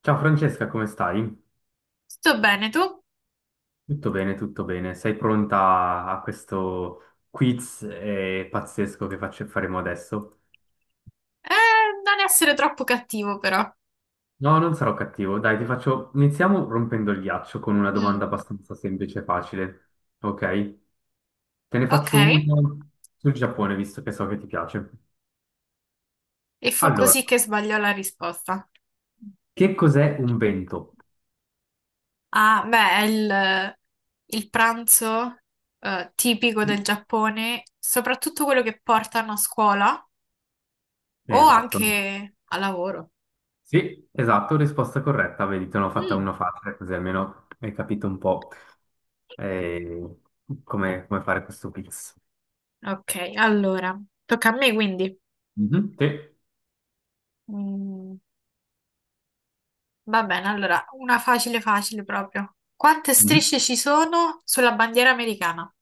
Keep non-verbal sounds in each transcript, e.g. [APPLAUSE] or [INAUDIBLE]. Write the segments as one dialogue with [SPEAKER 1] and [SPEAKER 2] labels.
[SPEAKER 1] Ciao Francesca, come stai?
[SPEAKER 2] Sto bene, tu?
[SPEAKER 1] Tutto bene, tutto bene. Sei pronta a questo quiz pazzesco che faremo adesso?
[SPEAKER 2] Non essere troppo cattivo, però.
[SPEAKER 1] No, non sarò cattivo. Dai, Iniziamo rompendo il ghiaccio con una
[SPEAKER 2] Mm,
[SPEAKER 1] domanda abbastanza semplice e facile. Ok? Te ne
[SPEAKER 2] ok.
[SPEAKER 1] faccio una sul Giappone, visto che so che ti piace.
[SPEAKER 2] E fu
[SPEAKER 1] Allora,
[SPEAKER 2] così che sbagliò la risposta.
[SPEAKER 1] che cos'è un vento?
[SPEAKER 2] Ah, beh, è il pranzo tipico del Giappone, soprattutto quello che portano a scuola o
[SPEAKER 1] Esatto.
[SPEAKER 2] anche a lavoro.
[SPEAKER 1] Sì, esatto, risposta corretta. Vedi, te ne ho fatta
[SPEAKER 2] Mm,
[SPEAKER 1] una facile, così almeno hai capito un po'. E come fare questo quiz?
[SPEAKER 2] ok, allora, tocca a me quindi.
[SPEAKER 1] Mhm, sì.
[SPEAKER 2] Mm, va bene, allora, una facile facile proprio. Quante
[SPEAKER 1] Mhm.
[SPEAKER 2] strisce ci sono sulla bandiera americana?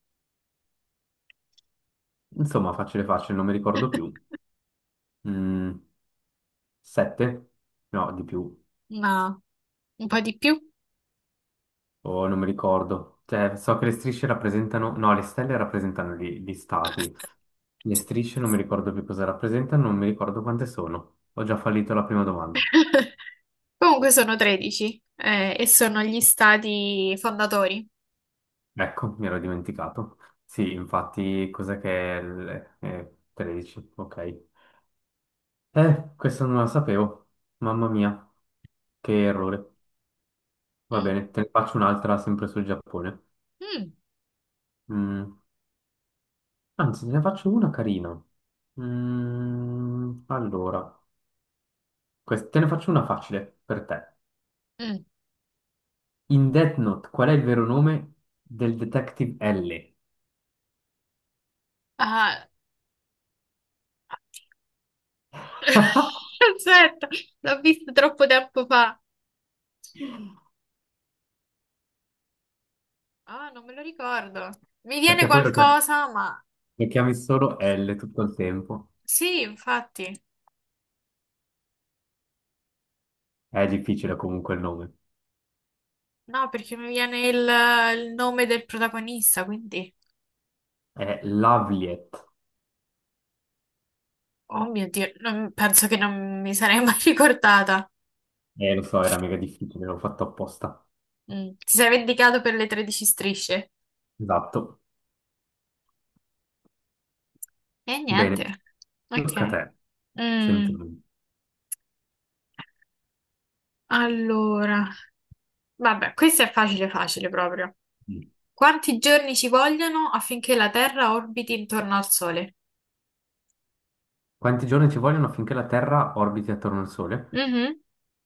[SPEAKER 1] Insomma, facile facile, non mi ricordo più.
[SPEAKER 2] [LAUGHS]
[SPEAKER 1] Mm, Sette? No, di più.
[SPEAKER 2] Ma un po' di più.
[SPEAKER 1] Oh, non mi ricordo. Cioè, so che le strisce rappresentano... No, le stelle rappresentano gli stati. Le strisce non mi ricordo più cosa rappresentano, non mi ricordo quante sono. Ho già fallito la prima domanda.
[SPEAKER 2] [LAUGHS] Comunque sono 13 e sono gli stati fondatori.
[SPEAKER 1] Ecco, mi ero dimenticato. Sì, infatti, cos'è che è... 13, ok. Questo non lo sapevo. Mamma mia, che errore. Va
[SPEAKER 2] Mm.
[SPEAKER 1] bene, te ne faccio un'altra sempre sul Giappone.
[SPEAKER 2] Mm,
[SPEAKER 1] Mm, Anzi, te ne faccio una carina. Allora, te ne faccio una facile per te.
[SPEAKER 2] mm.
[SPEAKER 1] In Death Note, qual è il vero nome del detective L?
[SPEAKER 2] Ah.
[SPEAKER 1] [LAUGHS]
[SPEAKER 2] [LAUGHS] Aspetta, l'ho visto troppo tempo fa. Ah, non me lo ricordo. Mi viene
[SPEAKER 1] Perché poi
[SPEAKER 2] qualcosa, ma
[SPEAKER 1] lo chiami solo L tutto il tempo.
[SPEAKER 2] sì, infatti.
[SPEAKER 1] È difficile comunque il nome.
[SPEAKER 2] No, perché mi viene il nome del protagonista, quindi...
[SPEAKER 1] È Lavliet.
[SPEAKER 2] Oh mio Dio, penso che non mi sarei mai [LAUGHS] ricordata.
[SPEAKER 1] Lo so, era mega difficile, l'ho fatto apposta.
[SPEAKER 2] Mm. Ti sei vendicato per le 13 strisce?
[SPEAKER 1] Esatto.
[SPEAKER 2] E
[SPEAKER 1] Bene,
[SPEAKER 2] niente. Ok.
[SPEAKER 1] tocca a te.
[SPEAKER 2] Mm.
[SPEAKER 1] Sentimi.
[SPEAKER 2] Allora, vabbè, questo è facile, facile proprio. Quanti giorni ci vogliono affinché la Terra orbiti intorno al Sole?
[SPEAKER 1] Quanti giorni ci vogliono affinché la Terra orbiti attorno al Sole?
[SPEAKER 2] Mhm.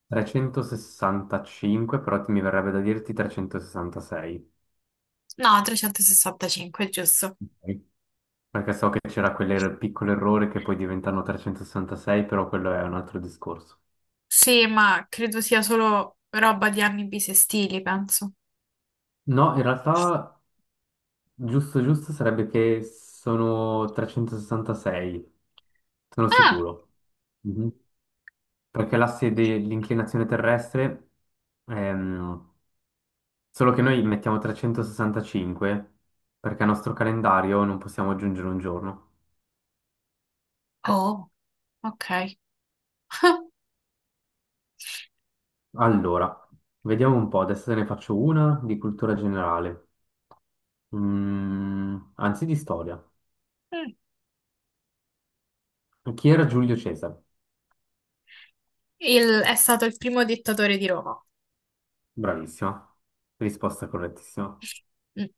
[SPEAKER 1] 365, però mi verrebbe da dirti 366.
[SPEAKER 2] No, 365, giusto.
[SPEAKER 1] Ok. Perché so che c'era quel piccolo errore che poi diventano 366, però quello è un altro discorso.
[SPEAKER 2] Sì, ma credo sia solo roba di anni bisestili, penso.
[SPEAKER 1] No, in realtà giusto giusto sarebbe che sono 366, sono
[SPEAKER 2] Ah,
[SPEAKER 1] sicuro. Mhm. Perché l'asse dell'inclinazione terrestre, ehm, solo che noi mettiamo 365 perché al nostro calendario non possiamo aggiungere un giorno.
[SPEAKER 2] oh, ok. [LAUGHS]
[SPEAKER 1] Allora, vediamo un po', adesso te ne faccio una di cultura generale. Anzi, di storia.
[SPEAKER 2] Mm.
[SPEAKER 1] Chi era Giulio Cesare?
[SPEAKER 2] È stato il primo dittatore di Roma.
[SPEAKER 1] Bravissima, risposta correttissima.
[SPEAKER 2] Mm.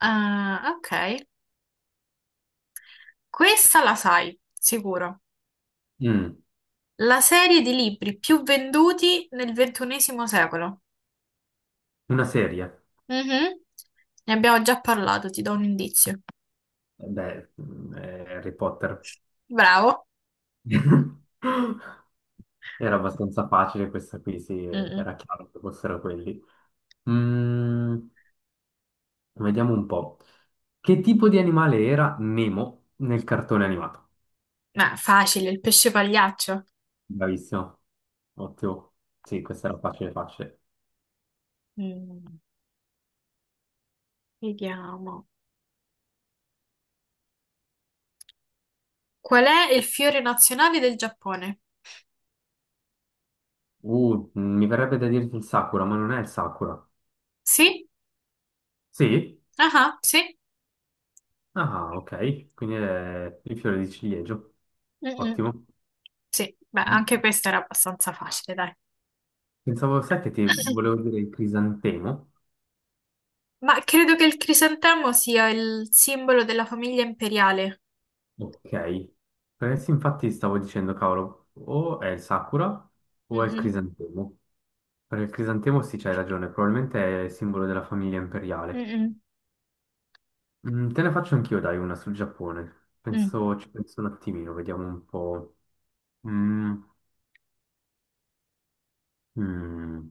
[SPEAKER 2] Ah, ok. Questa la sai, sicuro.
[SPEAKER 1] Mm,
[SPEAKER 2] La serie di libri più venduti nel 21º secolo.
[SPEAKER 1] Una serie?
[SPEAKER 2] Mhm. Ne abbiamo già parlato, ti do un indizio.
[SPEAKER 1] Eh beh, Harry Potter.
[SPEAKER 2] Bravo.
[SPEAKER 1] [LAUGHS] Era abbastanza facile questa qui, sì,
[SPEAKER 2] Mm.
[SPEAKER 1] era chiaro che fossero quelli. Mm, Vediamo un po'. Che tipo di animale era Nemo nel cartone animato?
[SPEAKER 2] Ma facile, il pesce pagliaccio.
[SPEAKER 1] Bravissimo, ottimo. Sì, questa era facile, facile.
[SPEAKER 2] Mm, Vediamo. Qual è il fiore nazionale del Giappone?
[SPEAKER 1] Mi verrebbe da dirti il Sakura, ma non è il Sakura.
[SPEAKER 2] Sì?
[SPEAKER 1] Sì?
[SPEAKER 2] Ah, sì?
[SPEAKER 1] Ah, ok. Quindi è il fiore di ciliegio.
[SPEAKER 2] Mm-mm.
[SPEAKER 1] Ottimo.
[SPEAKER 2] Sì, beh, anche questa era abbastanza facile, dai.
[SPEAKER 1] Pensavo, sai che ti volevo dire il crisantemo?
[SPEAKER 2] Ma credo che il crisantemo sia il simbolo della famiglia imperiale.
[SPEAKER 1] Ok. Perché sì, infatti stavo dicendo, cavolo, o è il Sakura o è il
[SPEAKER 2] Mm-mm,
[SPEAKER 1] crisantemo. Per il crisantemo sì, c'hai ragione, probabilmente è il simbolo della famiglia imperiale.
[SPEAKER 2] mm-mm,
[SPEAKER 1] Te ne faccio anch'io, dai, una sul Giappone.
[SPEAKER 2] mm.
[SPEAKER 1] Penso, ci penso un attimino, vediamo un po'. Mm, mm.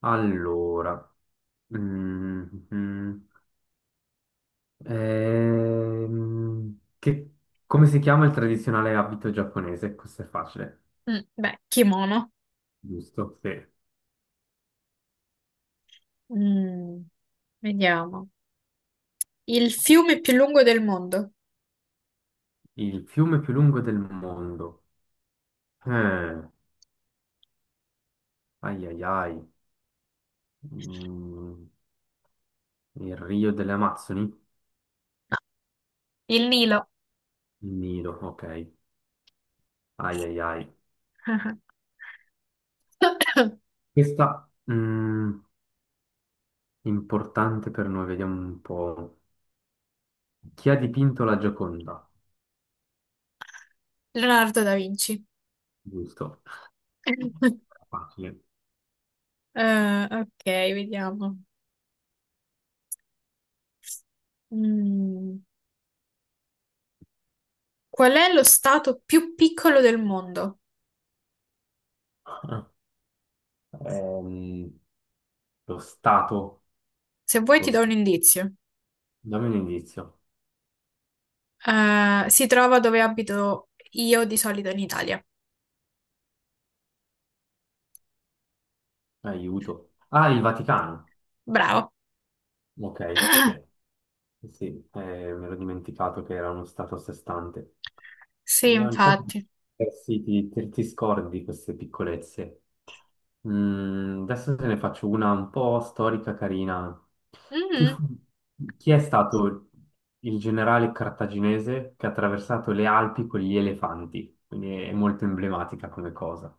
[SPEAKER 1] Allora, mm, mm. Ehm, che- come si chiama il tradizionale abito giapponese? Questo è facile,
[SPEAKER 2] Mm, beh, kimono.
[SPEAKER 1] giusto? Sì.
[SPEAKER 2] Mm, Vediamo. Il fiume più lungo del mondo.
[SPEAKER 1] Il fiume più lungo del mondo. Eh, Ai ai ai. Mm, il Rio delle Amazzoni?
[SPEAKER 2] Il Nilo.
[SPEAKER 1] Nido, ok. Ai ai ai.
[SPEAKER 2] [COUGHS] [LAUGHS]
[SPEAKER 1] Questa importante per noi, vediamo un po'. Chi ha dipinto la Gioconda?
[SPEAKER 2] Leonardo da Vinci.
[SPEAKER 1] Giusto.
[SPEAKER 2] [LAUGHS]
[SPEAKER 1] Facile.
[SPEAKER 2] Ok, vediamo. Mm, Qual è lo stato più piccolo del mondo?
[SPEAKER 1] Ehm, Lo Stato.
[SPEAKER 2] Se vuoi
[SPEAKER 1] Lo...
[SPEAKER 2] ti do
[SPEAKER 1] s-
[SPEAKER 2] un indizio.
[SPEAKER 1] Dammi un indizio.
[SPEAKER 2] Si trova dove abito io di solito in Italia.
[SPEAKER 1] Aiuto. Ah, il Vaticano.
[SPEAKER 2] Bravo.
[SPEAKER 1] Ok, sì. Sì, mi ero dimenticato che era uno Stato a sé stante.
[SPEAKER 2] Sì,
[SPEAKER 1] E ancora
[SPEAKER 2] infatti.
[SPEAKER 1] eh sì, ti scordi queste piccolezze. Adesso te ne faccio una un po' storica, carina. Chi,
[SPEAKER 2] Mhm.
[SPEAKER 1] fu- Chi è stato il generale cartaginese che ha attraversato le Alpi con gli elefanti? Quindi è molto emblematica come cosa.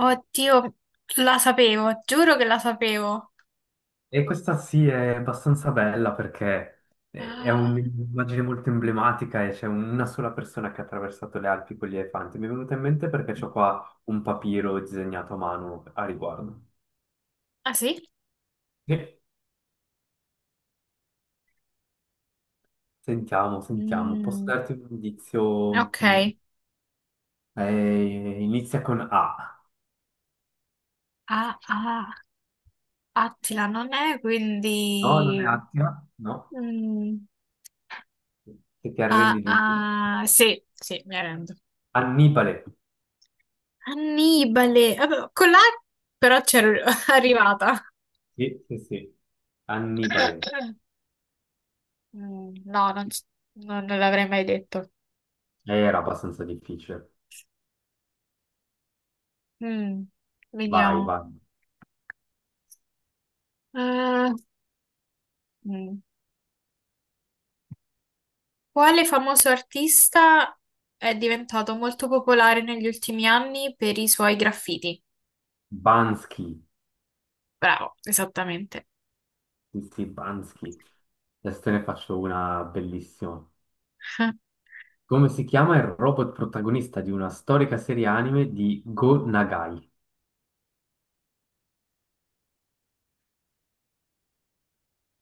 [SPEAKER 2] Oddio, la sapevo, giuro che la sapevo.
[SPEAKER 1] E questa sì è abbastanza bella perché è è
[SPEAKER 2] Ah,
[SPEAKER 1] un'immagine molto emblematica e c'è una sola persona che ha attraversato le Alpi con gli elefanti. Mi è venuta in mente perché c'ho qua un papiro disegnato a mano a riguardo.
[SPEAKER 2] ah, sì?
[SPEAKER 1] Sì. Sentiamo, sentiamo. Posso
[SPEAKER 2] Mm,
[SPEAKER 1] darti un indizio?
[SPEAKER 2] ok.
[SPEAKER 1] Inizia con A.
[SPEAKER 2] Ah, ah, Attila non è,
[SPEAKER 1] No, non è
[SPEAKER 2] quindi...
[SPEAKER 1] Attila, no?
[SPEAKER 2] Mm,
[SPEAKER 1] Che ti
[SPEAKER 2] ah,
[SPEAKER 1] arrendi di...
[SPEAKER 2] ah, sì, sì, mi arrendo.
[SPEAKER 1] Annibale.
[SPEAKER 2] Annibale, vabbè, con la però c'ero [LAUGHS] arrivata.
[SPEAKER 1] Sì, sì, sì. Annibale.
[SPEAKER 2] No, non l'avrei mai detto.
[SPEAKER 1] Era abbastanza difficile.
[SPEAKER 2] Mm,
[SPEAKER 1] Vai,
[SPEAKER 2] Vediamo.
[SPEAKER 1] vai.
[SPEAKER 2] Eh, mm. Quale famoso artista è diventato molto popolare negli ultimi anni per i suoi graffiti?
[SPEAKER 1] Bansky.
[SPEAKER 2] Bravo, esattamente.
[SPEAKER 1] Stefanski. Adesso te ne faccio una bellissima.
[SPEAKER 2] [LAUGHS]
[SPEAKER 1] Come si chiama il robot protagonista di una storica serie anime di Go Nagai?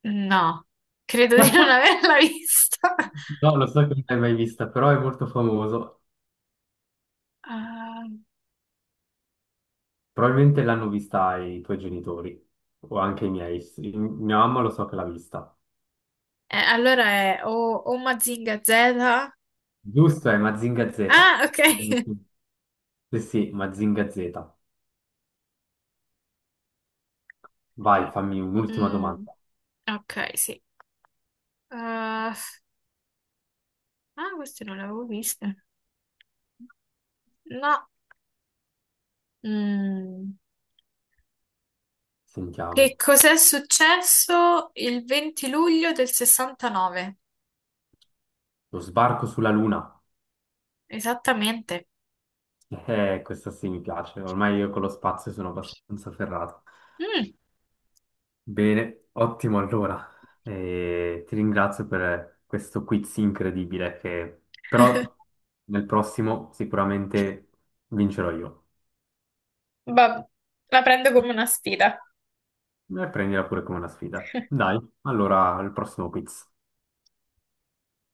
[SPEAKER 2] No, credo di non [LAUGHS]
[SPEAKER 1] [LAUGHS]
[SPEAKER 2] averla vista.
[SPEAKER 1] No, lo so che non l'hai mai vista, però è molto famoso.
[SPEAKER 2] Ah,
[SPEAKER 1] Probabilmente l'hanno vista i tuoi genitori o anche i miei. Mia mamma lo so che l'ha vista.
[SPEAKER 2] allora è o Mazinga Z.
[SPEAKER 1] Giusto, è Mazinga Z.
[SPEAKER 2] Ah, ok. [LAUGHS]
[SPEAKER 1] Sì, sì, Mazinga Z. Vai, fammi un'ultima
[SPEAKER 2] Mm,
[SPEAKER 1] domanda.
[SPEAKER 2] ok, sì. Ah, ah, queste non le avevo viste. No. Mm. Che
[SPEAKER 1] Sentiamo.
[SPEAKER 2] cos'è successo il 20 luglio del 69?
[SPEAKER 1] Lo sbarco sulla Luna.
[SPEAKER 2] Esattamente.
[SPEAKER 1] Questa sì mi piace, ormai io con lo spazio sono abbastanza ferrato.
[SPEAKER 2] Mm,
[SPEAKER 1] Bene, ottimo allora. Ti ringrazio per questo quiz incredibile che però nel prossimo sicuramente vincerò io.
[SPEAKER 2] vabbè, la prendo come una sfida.
[SPEAKER 1] E prendila pure come una sfida. Dai, allora al prossimo quiz.